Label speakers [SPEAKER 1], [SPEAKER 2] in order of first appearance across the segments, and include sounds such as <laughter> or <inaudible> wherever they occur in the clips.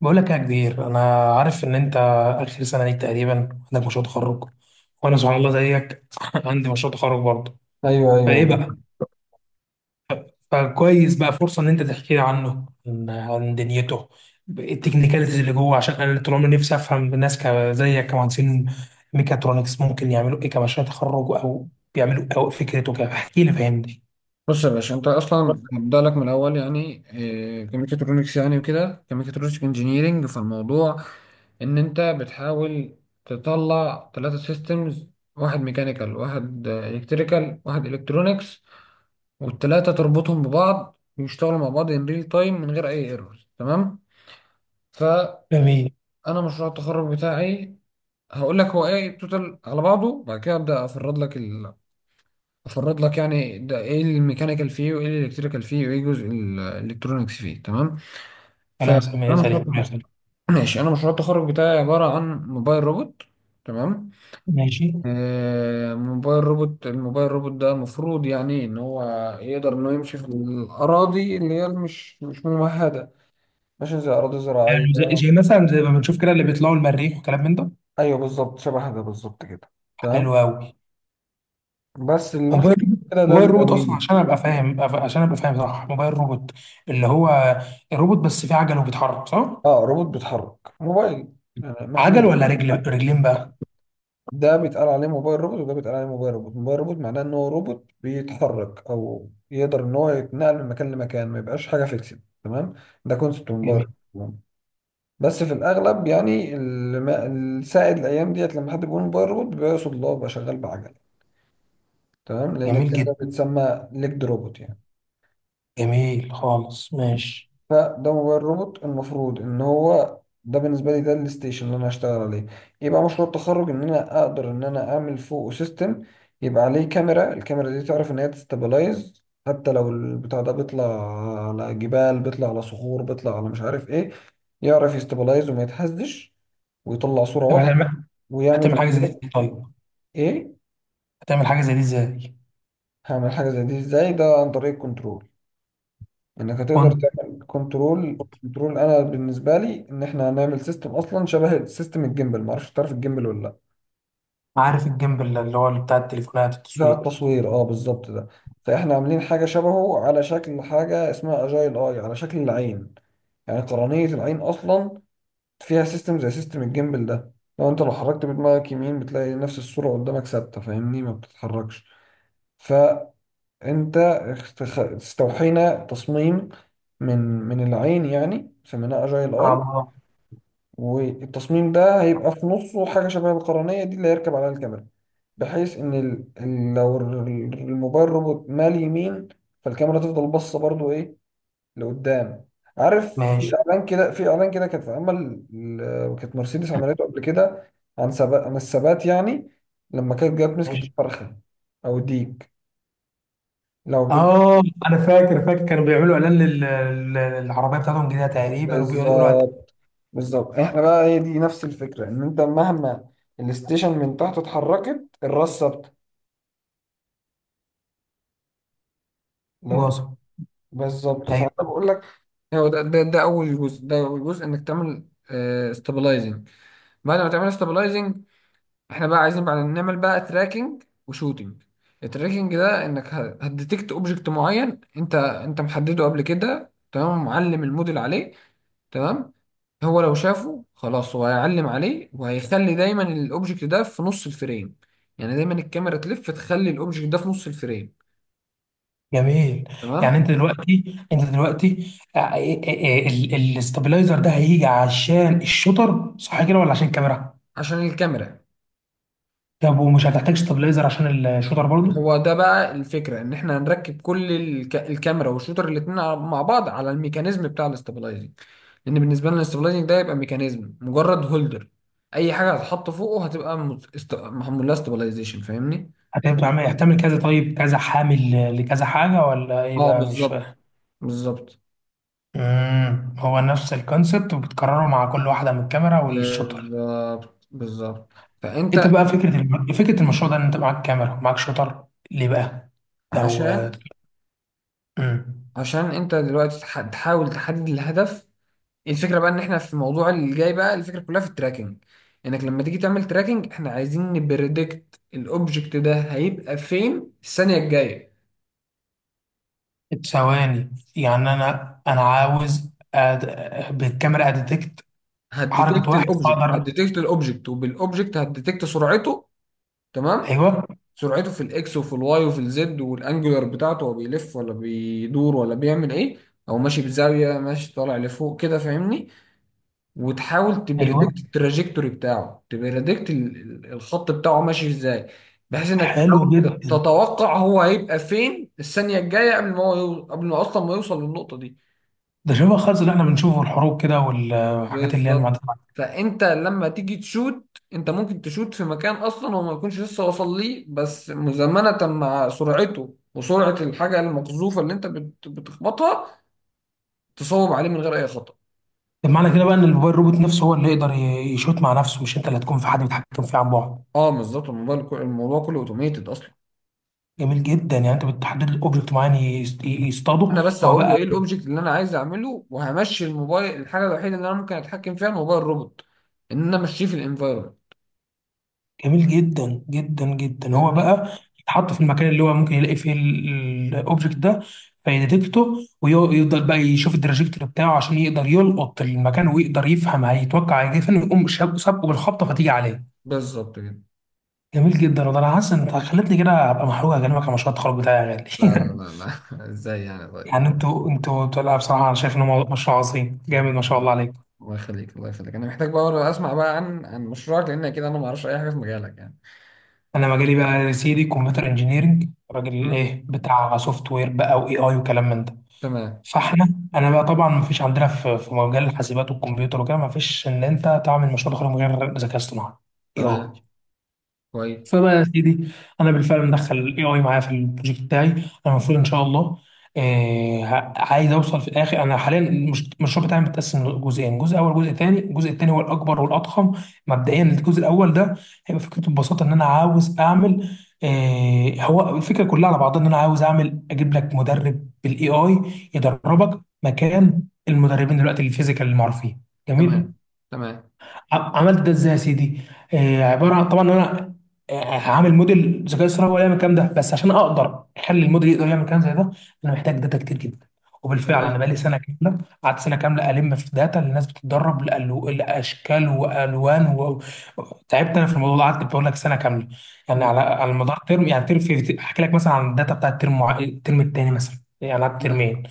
[SPEAKER 1] بقول لك يا كبير، انا عارف ان انت اخر سنه ليك تقريبا، عندك مشروع تخرج، وانا سبحان الله زيك <laughs> عندي مشروع تخرج برضه.
[SPEAKER 2] ايوه ايوه،
[SPEAKER 1] فايه بقى؟ فكويس بقى فرصه ان انت تحكي لي عنه، عن دنيته، التكنيكاليتيز اللي جوه، عشان انا طول عمري نفسي افهم الناس زيك، كمهندسين ميكاترونكس ممكن يعملوا ايه كمشروع تخرج، او بيعملوا إيه، او فكرته كده. احكي لي، فهمني.
[SPEAKER 2] بص يا باشا، انت اصلا هبدأ لك من الاول يعني إيه كميكاترونكس. يعني وكده كميكاترونكس انجينيرنج، فالموضوع ان انت بتحاول تطلع ثلاثة سيستمز، واحد ميكانيكال واحد الكتريكال واحد الكترونكس، والثلاثة تربطهم ببعض ويشتغلوا مع بعض ان ريل تايم من غير اي ايرورز. تمام؟ فانا
[SPEAKER 1] جميل.
[SPEAKER 2] مشروع التخرج بتاعي هقول لك هو ايه توتال على بعضه، بعد كده ابدا افرد لك افرض لك يعني ده ايه الميكانيكال فيه وايه الالكتريكال فيه وايه جزء الالكترونكس فيه. تمام؟
[SPEAKER 1] كلام
[SPEAKER 2] فانا
[SPEAKER 1] سليم
[SPEAKER 2] مشروع
[SPEAKER 1] سليم يا
[SPEAKER 2] التخرج-
[SPEAKER 1] خالد.
[SPEAKER 2] ماشي، انا مشروع التخرج بتاعي عباره عن موبايل روبوت. تمام.
[SPEAKER 1] ماشي.
[SPEAKER 2] موبايل روبوت، الموبايل روبوت ده المفروض يعني ان هو يقدر انه يمشي في الاراضي اللي هي مش ممهده، ماشي زي اراضي زراعيه.
[SPEAKER 1] يعني زي مثلا زي ما بنشوف كده اللي بيطلعوا المريخ وكلام من ده.
[SPEAKER 2] ايوه بالظبط شبه ده بالظبط كده. تمام.
[SPEAKER 1] حلو قوي.
[SPEAKER 2] بس اللي
[SPEAKER 1] موبايل
[SPEAKER 2] مثلا كده ده
[SPEAKER 1] موبايل
[SPEAKER 2] بيبقى
[SPEAKER 1] روبوت اصلا،
[SPEAKER 2] وين.
[SPEAKER 1] عشان ابقى فاهم صح. موبايل روبوت اللي هو الروبوت بس فيه عجل وبيتحرك، صح؟
[SPEAKER 2] اه، روبوت بيتحرك، موبايل يعني
[SPEAKER 1] عجل
[SPEAKER 2] محمول.
[SPEAKER 1] ولا رجل رجلين بقى؟
[SPEAKER 2] ده بيتقال عليه موبايل روبوت، وده بيتقال عليه موبايل روبوت. موبايل روبوت معناه ان هو روبوت بيتحرك او يقدر ان هو يتنقل من مكان لمكان، ما يبقاش حاجه فيكسد. تمام؟ ده كونسبت موبايل
[SPEAKER 1] جميل.
[SPEAKER 2] روبوت. بس في الاغلب يعني السائد الايام ديت، لما حد بيقول موبايل روبوت بيقصد اللي هو بيبقى شغال بعجله. تمام؟ لان
[SPEAKER 1] جميل
[SPEAKER 2] التاني
[SPEAKER 1] جدا.
[SPEAKER 2] ده بيتسمى ليجد روبوت يعني.
[SPEAKER 1] جميل خالص. ماشي.
[SPEAKER 2] فده موبايل روبوت، المفروض ان هو ده بالنسبه لي ده الستيشن اللي انا هشتغل عليه. يبقى مشروع التخرج ان انا اقدر ان انا اعمل فوقه سيستم. يبقى عليه كاميرا، الكاميرا دي تعرف ان هي تستابلايز، حتى لو البتاع ده بيطلع على جبال، بيطلع على صخور، بيطلع على مش عارف ايه، يعرف يستابلايز وما يتهزش ويطلع صوره
[SPEAKER 1] طب
[SPEAKER 2] واضحه
[SPEAKER 1] هتعمل هتعمل
[SPEAKER 2] ويعمل
[SPEAKER 1] حاجه زي دي
[SPEAKER 2] تراك.
[SPEAKER 1] إزاي؟ طيب،
[SPEAKER 2] ايه؟
[SPEAKER 1] هتعمل حاجه زي دي ازاي؟
[SPEAKER 2] هعمل حاجه زي دي ازاي؟ ده عن طريق كنترول. انك هتقدر
[SPEAKER 1] وانت
[SPEAKER 2] تعمل كنترول. كنترول انا بالنسبه لي ان احنا هنعمل سيستم اصلا شبه سيستم الجيمبل. ما اعرفش، تعرف الجيمبل ولا لا؟
[SPEAKER 1] عارف الجنب اللي هو اللي بتاع التليفونات،
[SPEAKER 2] بتاع
[SPEAKER 1] التصوير.
[SPEAKER 2] التصوير، اه بالظبط ده. فاحنا عاملين حاجه شبهه، على شكل حاجه اسمها اجايل اي، على شكل العين. يعني قرنيه العين اصلا فيها سيستم زي سيستم الجيمبل ده. لو انت لو حركت بدماغك يمين بتلاقي نفس الصوره قدامك ثابته، فاهمني، ما بتتحركش. فانت استوحينا تصميم من العين يعني، سميناه اجايل اي.
[SPEAKER 1] اه.
[SPEAKER 2] والتصميم ده هيبقى في نصه حاجة شبه القرنية دي اللي هيركب عليها الكاميرا، بحيث إن الموبايل روبوت مال يمين، فالكاميرا تفضل باصة برضو إيه، لقدام. عارف في
[SPEAKER 1] ماشي
[SPEAKER 2] إعلان كده؟ في إعلان كده كانت كانت مرسيدس عملته قبل كده عن ثبات، عن الثبات يعني. لما كانت جت مسكت
[SPEAKER 1] ماشي.
[SPEAKER 2] الفرخة أو الديك. لو جيت
[SPEAKER 1] اه، انا فاكر فاكر كانوا بيعملوا اعلان لل- للعربيه بتاعتهم جديده تقريبا، وبيقولوا
[SPEAKER 2] بالظبط، بالظبط. إحنا بقى هي دي نفس الفكرة، إن أنت مهما الستيشن من تحت اتحركت، الراس ثابتة. لو انت
[SPEAKER 1] واصل.
[SPEAKER 2] بالظبط. فانا بقول لك هو ده اول جزء. ده اول جزء، انك تعمل استابلايزنج. بعد ما تعمل استابلايزنج، احنا بقى عايزين بعد نعمل بقى تراكنج وشوتنج. التراكنج ده انك هتديتكت اوبجكت معين، انت محدده قبل كده، تمام، معلم الموديل عليه. تمام؟ هو لو شافه خلاص هو هيعلم عليه وهيخلي دايما الاوبجكت ده في نص الفريم. يعني دايما الكاميرا تلف تخلي الاوبجكت ده في نص الفريم.
[SPEAKER 1] جميل. يعني
[SPEAKER 2] تمام.
[SPEAKER 1] انت دلوقتي الاستابلايزر ده هيجي عشان الشوتر، صح كده ولا عشان الكاميرا؟
[SPEAKER 2] عشان الكاميرا.
[SPEAKER 1] طب، ومش هتحتاج استابلايزر عشان الشوتر برضه؟
[SPEAKER 2] هو ده بقى الفكرة، ان احنا هنركب كل الكاميرا والشوتر الاتنين مع بعض على الميكانيزم بتاع الاستابلايزنج. لان بالنسبة لنا الاستابلايزنج ده يبقى ميكانيزم، مجرد هولدر. اي حاجة هتتحط فوقه هتبقى محمول لها استابلايزيشن، فاهمني؟
[SPEAKER 1] هتعمل كذا، طيب كذا، حامل لكذا حاجه، ولا ايه
[SPEAKER 2] اه
[SPEAKER 1] بقى؟ مش
[SPEAKER 2] بالظبط
[SPEAKER 1] فاهم.
[SPEAKER 2] بالظبط.
[SPEAKER 1] هو نفس الكونسبت، وبتكرره مع كل واحده من الكاميرا والشوتر.
[SPEAKER 2] بالظبط بالظبط. فانت
[SPEAKER 1] انت بقى فكره المشروع ده ان انت معاك كاميرا ومعاك شوتر. ليه بقى؟ لو
[SPEAKER 2] عشان
[SPEAKER 1] امم
[SPEAKER 2] عشان انت دلوقتي تحاول تحدد الهدف. الفكره بقى ان احنا في الموضوع اللي جاي بقى، الفكره كلها في التراكنج. انك لما تيجي تعمل تراكنج احنا عايزين نبريدكت الاوبجكت ده هيبقى فين الثانيه الجايه.
[SPEAKER 1] ثواني. يعني انا عاوز بالكاميرا اديتكت حركه،
[SPEAKER 2] هتديتكت
[SPEAKER 1] واحد
[SPEAKER 2] الاوبجكت،
[SPEAKER 1] فاقدر.
[SPEAKER 2] هتديتكت الاوبجكت، وبالاوبجكت هتديتكت سرعته. تمام؟
[SPEAKER 1] ايوه
[SPEAKER 2] سرعته في الاكس وفي الواي وفي الزد، والانجولار بتاعته، هو بيلف ولا بيدور ولا بيعمل ايه، او ماشي بزاويه، ماشي طالع لفوق كده، فاهمني؟ وتحاول
[SPEAKER 1] ايوه.
[SPEAKER 2] تبريدكت التراجكتوري بتاعه، تبريدكت الخط بتاعه ماشي ازاي، بحيث انك
[SPEAKER 1] حلو
[SPEAKER 2] تحاول
[SPEAKER 1] جدا.
[SPEAKER 2] تتوقع هو هيبقى فين الثانية الجاية، قبل ما هو قبل ما اصلا ما يوصل للنقطة دي.
[SPEAKER 1] ده شبه خالص اللي احنا بنشوفه الحروب كده، والحاجات اللي هي المعدات.
[SPEAKER 2] بالظبط. فانت لما تيجي تشوت، انت ممكن تشوت في مكان اصلا هو ما يكونش لسه وصل ليه، بس مزامنة مع سرعته وسرعة الحاجة المقذوفة اللي انت بتخبطها، تصوب عليه من غير اي خطأ.
[SPEAKER 1] طب معنى كده بقى ان الموبايل روبوت نفسه هو اللي يقدر يشوت مع نفسه، مش انت اللي هتكون، في حد بيتحكم فيه عن بعد؟
[SPEAKER 2] اه بالظبط. الموضوع كله اوتوميتد اصلا.
[SPEAKER 1] جميل جدا. يعني انت بتحدد الاوبجكت معين يصطاده
[SPEAKER 2] انا بس
[SPEAKER 1] هو
[SPEAKER 2] هقول له
[SPEAKER 1] بقى؟
[SPEAKER 2] ايه الاوبجكت اللي انا عايز اعمله، وهمشي الموبايل. الحاجه الوحيده اللي انا ممكن اتحكم فيها الموبايل روبوت، ان انا امشيه في الانفايرمنت،
[SPEAKER 1] جميل جدا جدا جدا. هو
[SPEAKER 2] فاهمني؟
[SPEAKER 1] بقى يتحط في المكان اللي هو ممكن يلاقي فيه الاوبجكت ده، فيديتكته، ويفضل بقى يشوف التراجكتوري بتاعه عشان يقدر يلقط المكان، ويقدر يفهم، هيتوقع هيجي فين، ويقوم سابقه بالخبطه فتيجي عليه.
[SPEAKER 2] بالظبط كده.
[SPEAKER 1] جميل جدا. والله انا حاسس ان انت خلتني كده ابقى محروق اكلمك عن مشروع التخرج بتاعي يا
[SPEAKER 2] لا لا
[SPEAKER 1] غالي.
[SPEAKER 2] لا.
[SPEAKER 1] <laughs>
[SPEAKER 2] لا <laughs> ازاي يعني؟ طيب.
[SPEAKER 1] يعني انتوا لا، بصراحه انا شايف ان هو مشروع عظيم جامد، ما شاء الله عليك.
[SPEAKER 2] الله يخليك، الله يخليك. انا محتاج بقى اسمع بقى عن مشروعك، لان كده انا ما اعرفش اي حاجه في مجالك يعني.
[SPEAKER 1] انا مجالي بقى يا سيدي كمبيوتر انجينيرنج، راجل
[SPEAKER 2] م؟
[SPEAKER 1] ايه بتاع سوفت وير بقى، واي اي وكلام من ده.
[SPEAKER 2] تمام.
[SPEAKER 1] فاحنا، انا بقى طبعا ما فيش عندنا في في مجال الحاسبات والكمبيوتر وكده، ما فيش ان انت تعمل مشروع تخرج من غير ذكاء اصطناعي. اي
[SPEAKER 2] تمام.
[SPEAKER 1] اي.
[SPEAKER 2] كويس.
[SPEAKER 1] فبقى يا سيدي، انا بالفعل مدخل الاي اي معايا في البروجكت بتاعي. انا المفروض ان شاء الله عايز اوصل في الاخر. انا حاليا المشروع بتاعي متقسم لجزئين: جزء اول، جزء تاني. الجزء التاني هو الاكبر والاضخم. مبدئيا الجزء الاول ده هيبقى فكرته ببساطه ان انا عاوز اعمل، هو الفكره كلها على بعضها ان انا عاوز اعمل، اجيب لك مدرب بالاي اي يدربك مكان المدربين دلوقتي الفيزيكال المعروفين. جميل.
[SPEAKER 2] تمام. تمام.
[SPEAKER 1] عملت ده ازاي يا سيدي؟ عباره عن طبعا، ان انا هعمل موديل ذكاء اصطناعي ولا يعمل الكلام ده. بس عشان اقدر اخلي الموديل يقدر يعمل كلام زي ده، انا محتاج داتا كتير جدا. وبالفعل انا
[SPEAKER 2] تمام.
[SPEAKER 1] بقالي سنه كامله، قعدت سنه كامله الم في داتا اللي الناس بتتدرب، لاشكال والوان و... تعبت انا في الموضوع ده، قعدت بقول لك سنه كامله. يعني على
[SPEAKER 2] م.
[SPEAKER 1] على مدار ترم، يعني ترم، في احكي لك مثلا عن الداتا بتاعت الترم الترم الثاني مثلا. يعني قعدت ترمين.
[SPEAKER 2] تمام.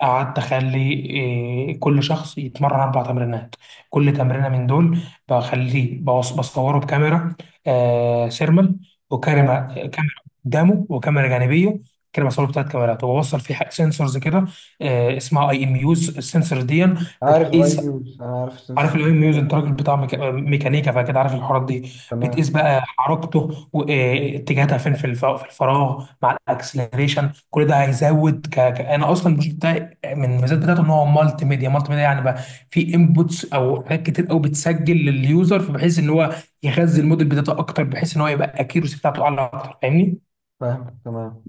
[SPEAKER 1] قعدت اخلي كل شخص يتمرن اربع تمرينات. كل تمرينه من دول بخليه بصوره بكاميرا سيرمال، وكاميرا
[SPEAKER 2] تمام.
[SPEAKER 1] كاميرا قدامه، وكاميرا جانبيه. كده بصور بتاعت كاميرات، وبوصل فيه سنسورز كده اسمها اي ام يوز، السنسور دي
[SPEAKER 2] عارف الاي
[SPEAKER 1] بتقيس.
[SPEAKER 2] ميوز، انا عارف السنسور.
[SPEAKER 1] عارف الاي ام يوز؟ انت راجل بتاع ميكانيكا فاكيد عارف الحوارات دي. بتقيس
[SPEAKER 2] تمام.
[SPEAKER 1] بقى حركته واتجاهاتها فين في في الفراغ، مع الاكسلريشن. كل ده هيزود انا اصلا البروجكت بتاعي من الميزات بتاعته ان هو مالتي ميديا. مالتي ميديا يعني بقى في انبوتس او حاجات كتير قوي بتسجل لليوزر، بحيث ان هو يغذي الموديل بتاعته اكتر، بحيث ان هو يبقى اكيرسي بتاعته اعلى اكتر، فاهمني؟
[SPEAKER 2] فاهم. تمام.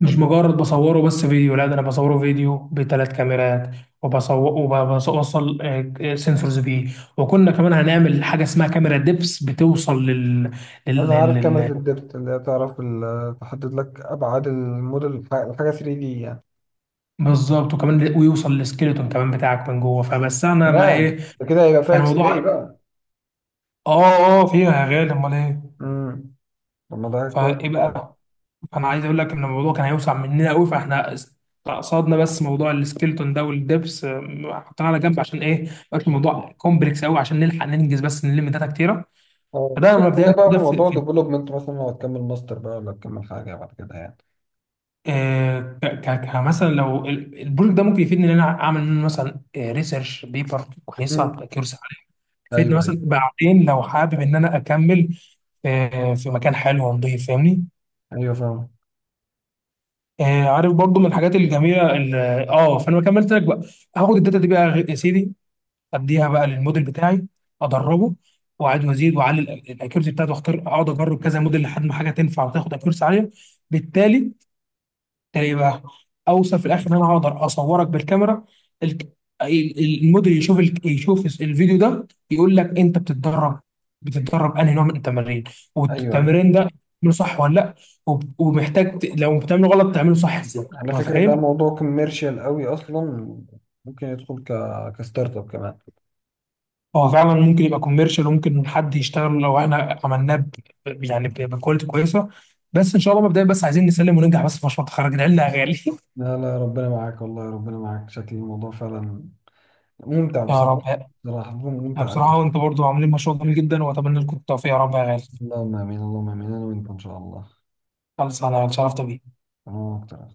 [SPEAKER 1] مش مجرد بصوره بس، فيديو. لا، ده انا بصوره فيديو بثلاث كاميرات، وبصور، وبوصل سنسورز بيه. وكنا كمان هنعمل حاجه اسمها كاميرا دبس بتوصل لل...
[SPEAKER 2] انا
[SPEAKER 1] لل...
[SPEAKER 2] عارف كاميرا
[SPEAKER 1] لل-
[SPEAKER 2] الدبت، اللي هي تعرف تحدد لك ابعاد الموديل الحاجه 3D دي يعني.
[SPEAKER 1] بالظبط. وكمان ويوصل للسكيلتون كمان بتاعك من جوه. فبس انا، ما
[SPEAKER 2] تمام،
[SPEAKER 1] ايه
[SPEAKER 2] ده كده هيبقى فيها
[SPEAKER 1] كان
[SPEAKER 2] اكس راي
[SPEAKER 1] الموضوع.
[SPEAKER 2] بقى.
[SPEAKER 1] اه، اه، فيها يا غالي، امال ايه.
[SPEAKER 2] امم. طب ما ده كويس
[SPEAKER 1] فايه
[SPEAKER 2] جدا.
[SPEAKER 1] بقى؟ فانا عايز اقول لك ان الموضوع كان هيوسع مننا قوي، فاحنا استقصدنا بس موضوع السكيلتون ده والدبس حطيناه على جنب. عشان ايه؟ ما يبقاش الموضوع كومبلكس قوي، عشان نلحق ننجز، بس نلم داتا كتيره.
[SPEAKER 2] اه،
[SPEAKER 1] فده
[SPEAKER 2] ممكن تخليها
[SPEAKER 1] مبدئيا
[SPEAKER 2] بقى
[SPEAKER 1] كده
[SPEAKER 2] في
[SPEAKER 1] في,
[SPEAKER 2] موضوع
[SPEAKER 1] في
[SPEAKER 2] ديفلوبمنت مثلا، لو هتكمل ماستر بقى ولا تكمل حاجه بعد كده يعني.
[SPEAKER 1] كمثلا لو البروجكت ده ممكن يفيدني ان انا اعمل منه مثلا ريسيرش بيبر كويسه
[SPEAKER 2] امم.
[SPEAKER 1] تبقى كيورس عليها، يفيدني
[SPEAKER 2] ايوه ايوه.
[SPEAKER 1] مثلا بعدين لو حابب ان انا اكمل في مكان حلو ونضيف، فاهمني؟
[SPEAKER 2] ايوه فاهم.
[SPEAKER 1] عارف برضو من الحاجات الجميله فانا ما كملت لك بقى. هاخد الداتا دي بقى يا سيدي، اديها بقى للموديل بتاعي، ادربه، واعيد وازيد واعلي الاكيورسي بتاعته، واختار اقعد اجرب كذا موديل لحد ما حاجه تنفع وتاخد اكيورسي عاليه. بالتالي تلاقي بقى اوصل في الاخر ان انا هقدر اصورك بالكاميرا، ال- الموديل يشوف يشوف الفيديو ده، يقول لك انت بتتدرب انهي نوع من التمارين،
[SPEAKER 2] ايوه ايوه.
[SPEAKER 1] والتمرين ده بتعمله صح ولا لا؟ ومحتاج لو بتعمله غلط تعمله صح ازاي.
[SPEAKER 2] على فكره، ده
[SPEAKER 1] متخيل؟
[SPEAKER 2] موضوع كوميرشال قوي اصلا. ممكن يدخل كستارت اب كمان.
[SPEAKER 1] هو فعلا ممكن يبقى كوميرشال، وممكن حد يشتغل لو احنا عملناه يعني بكواليتي كويسه. بس ان شاء الله مبدئيا بس عايزين نسلم وننجح بس في مشروع التخرج، العلم يا غالي. <laughs>
[SPEAKER 2] لا لا، ربنا معاك، والله ربنا معاك. شكل الموضوع فعلا ممتع
[SPEAKER 1] يا
[SPEAKER 2] بصراحه.
[SPEAKER 1] رب.
[SPEAKER 2] بصراحه
[SPEAKER 1] أنا
[SPEAKER 2] ممتع.
[SPEAKER 1] بصراحه وانت برضو عاملين مشروع جميل جدا، واتمنى لكم التوفيق يا رب يا غالي.
[SPEAKER 2] اللهم امين، اللهم امين. انا وانت ان شاء الله.
[SPEAKER 1] خلص، انا اتشرفت بيك.
[SPEAKER 2] انا اكتر.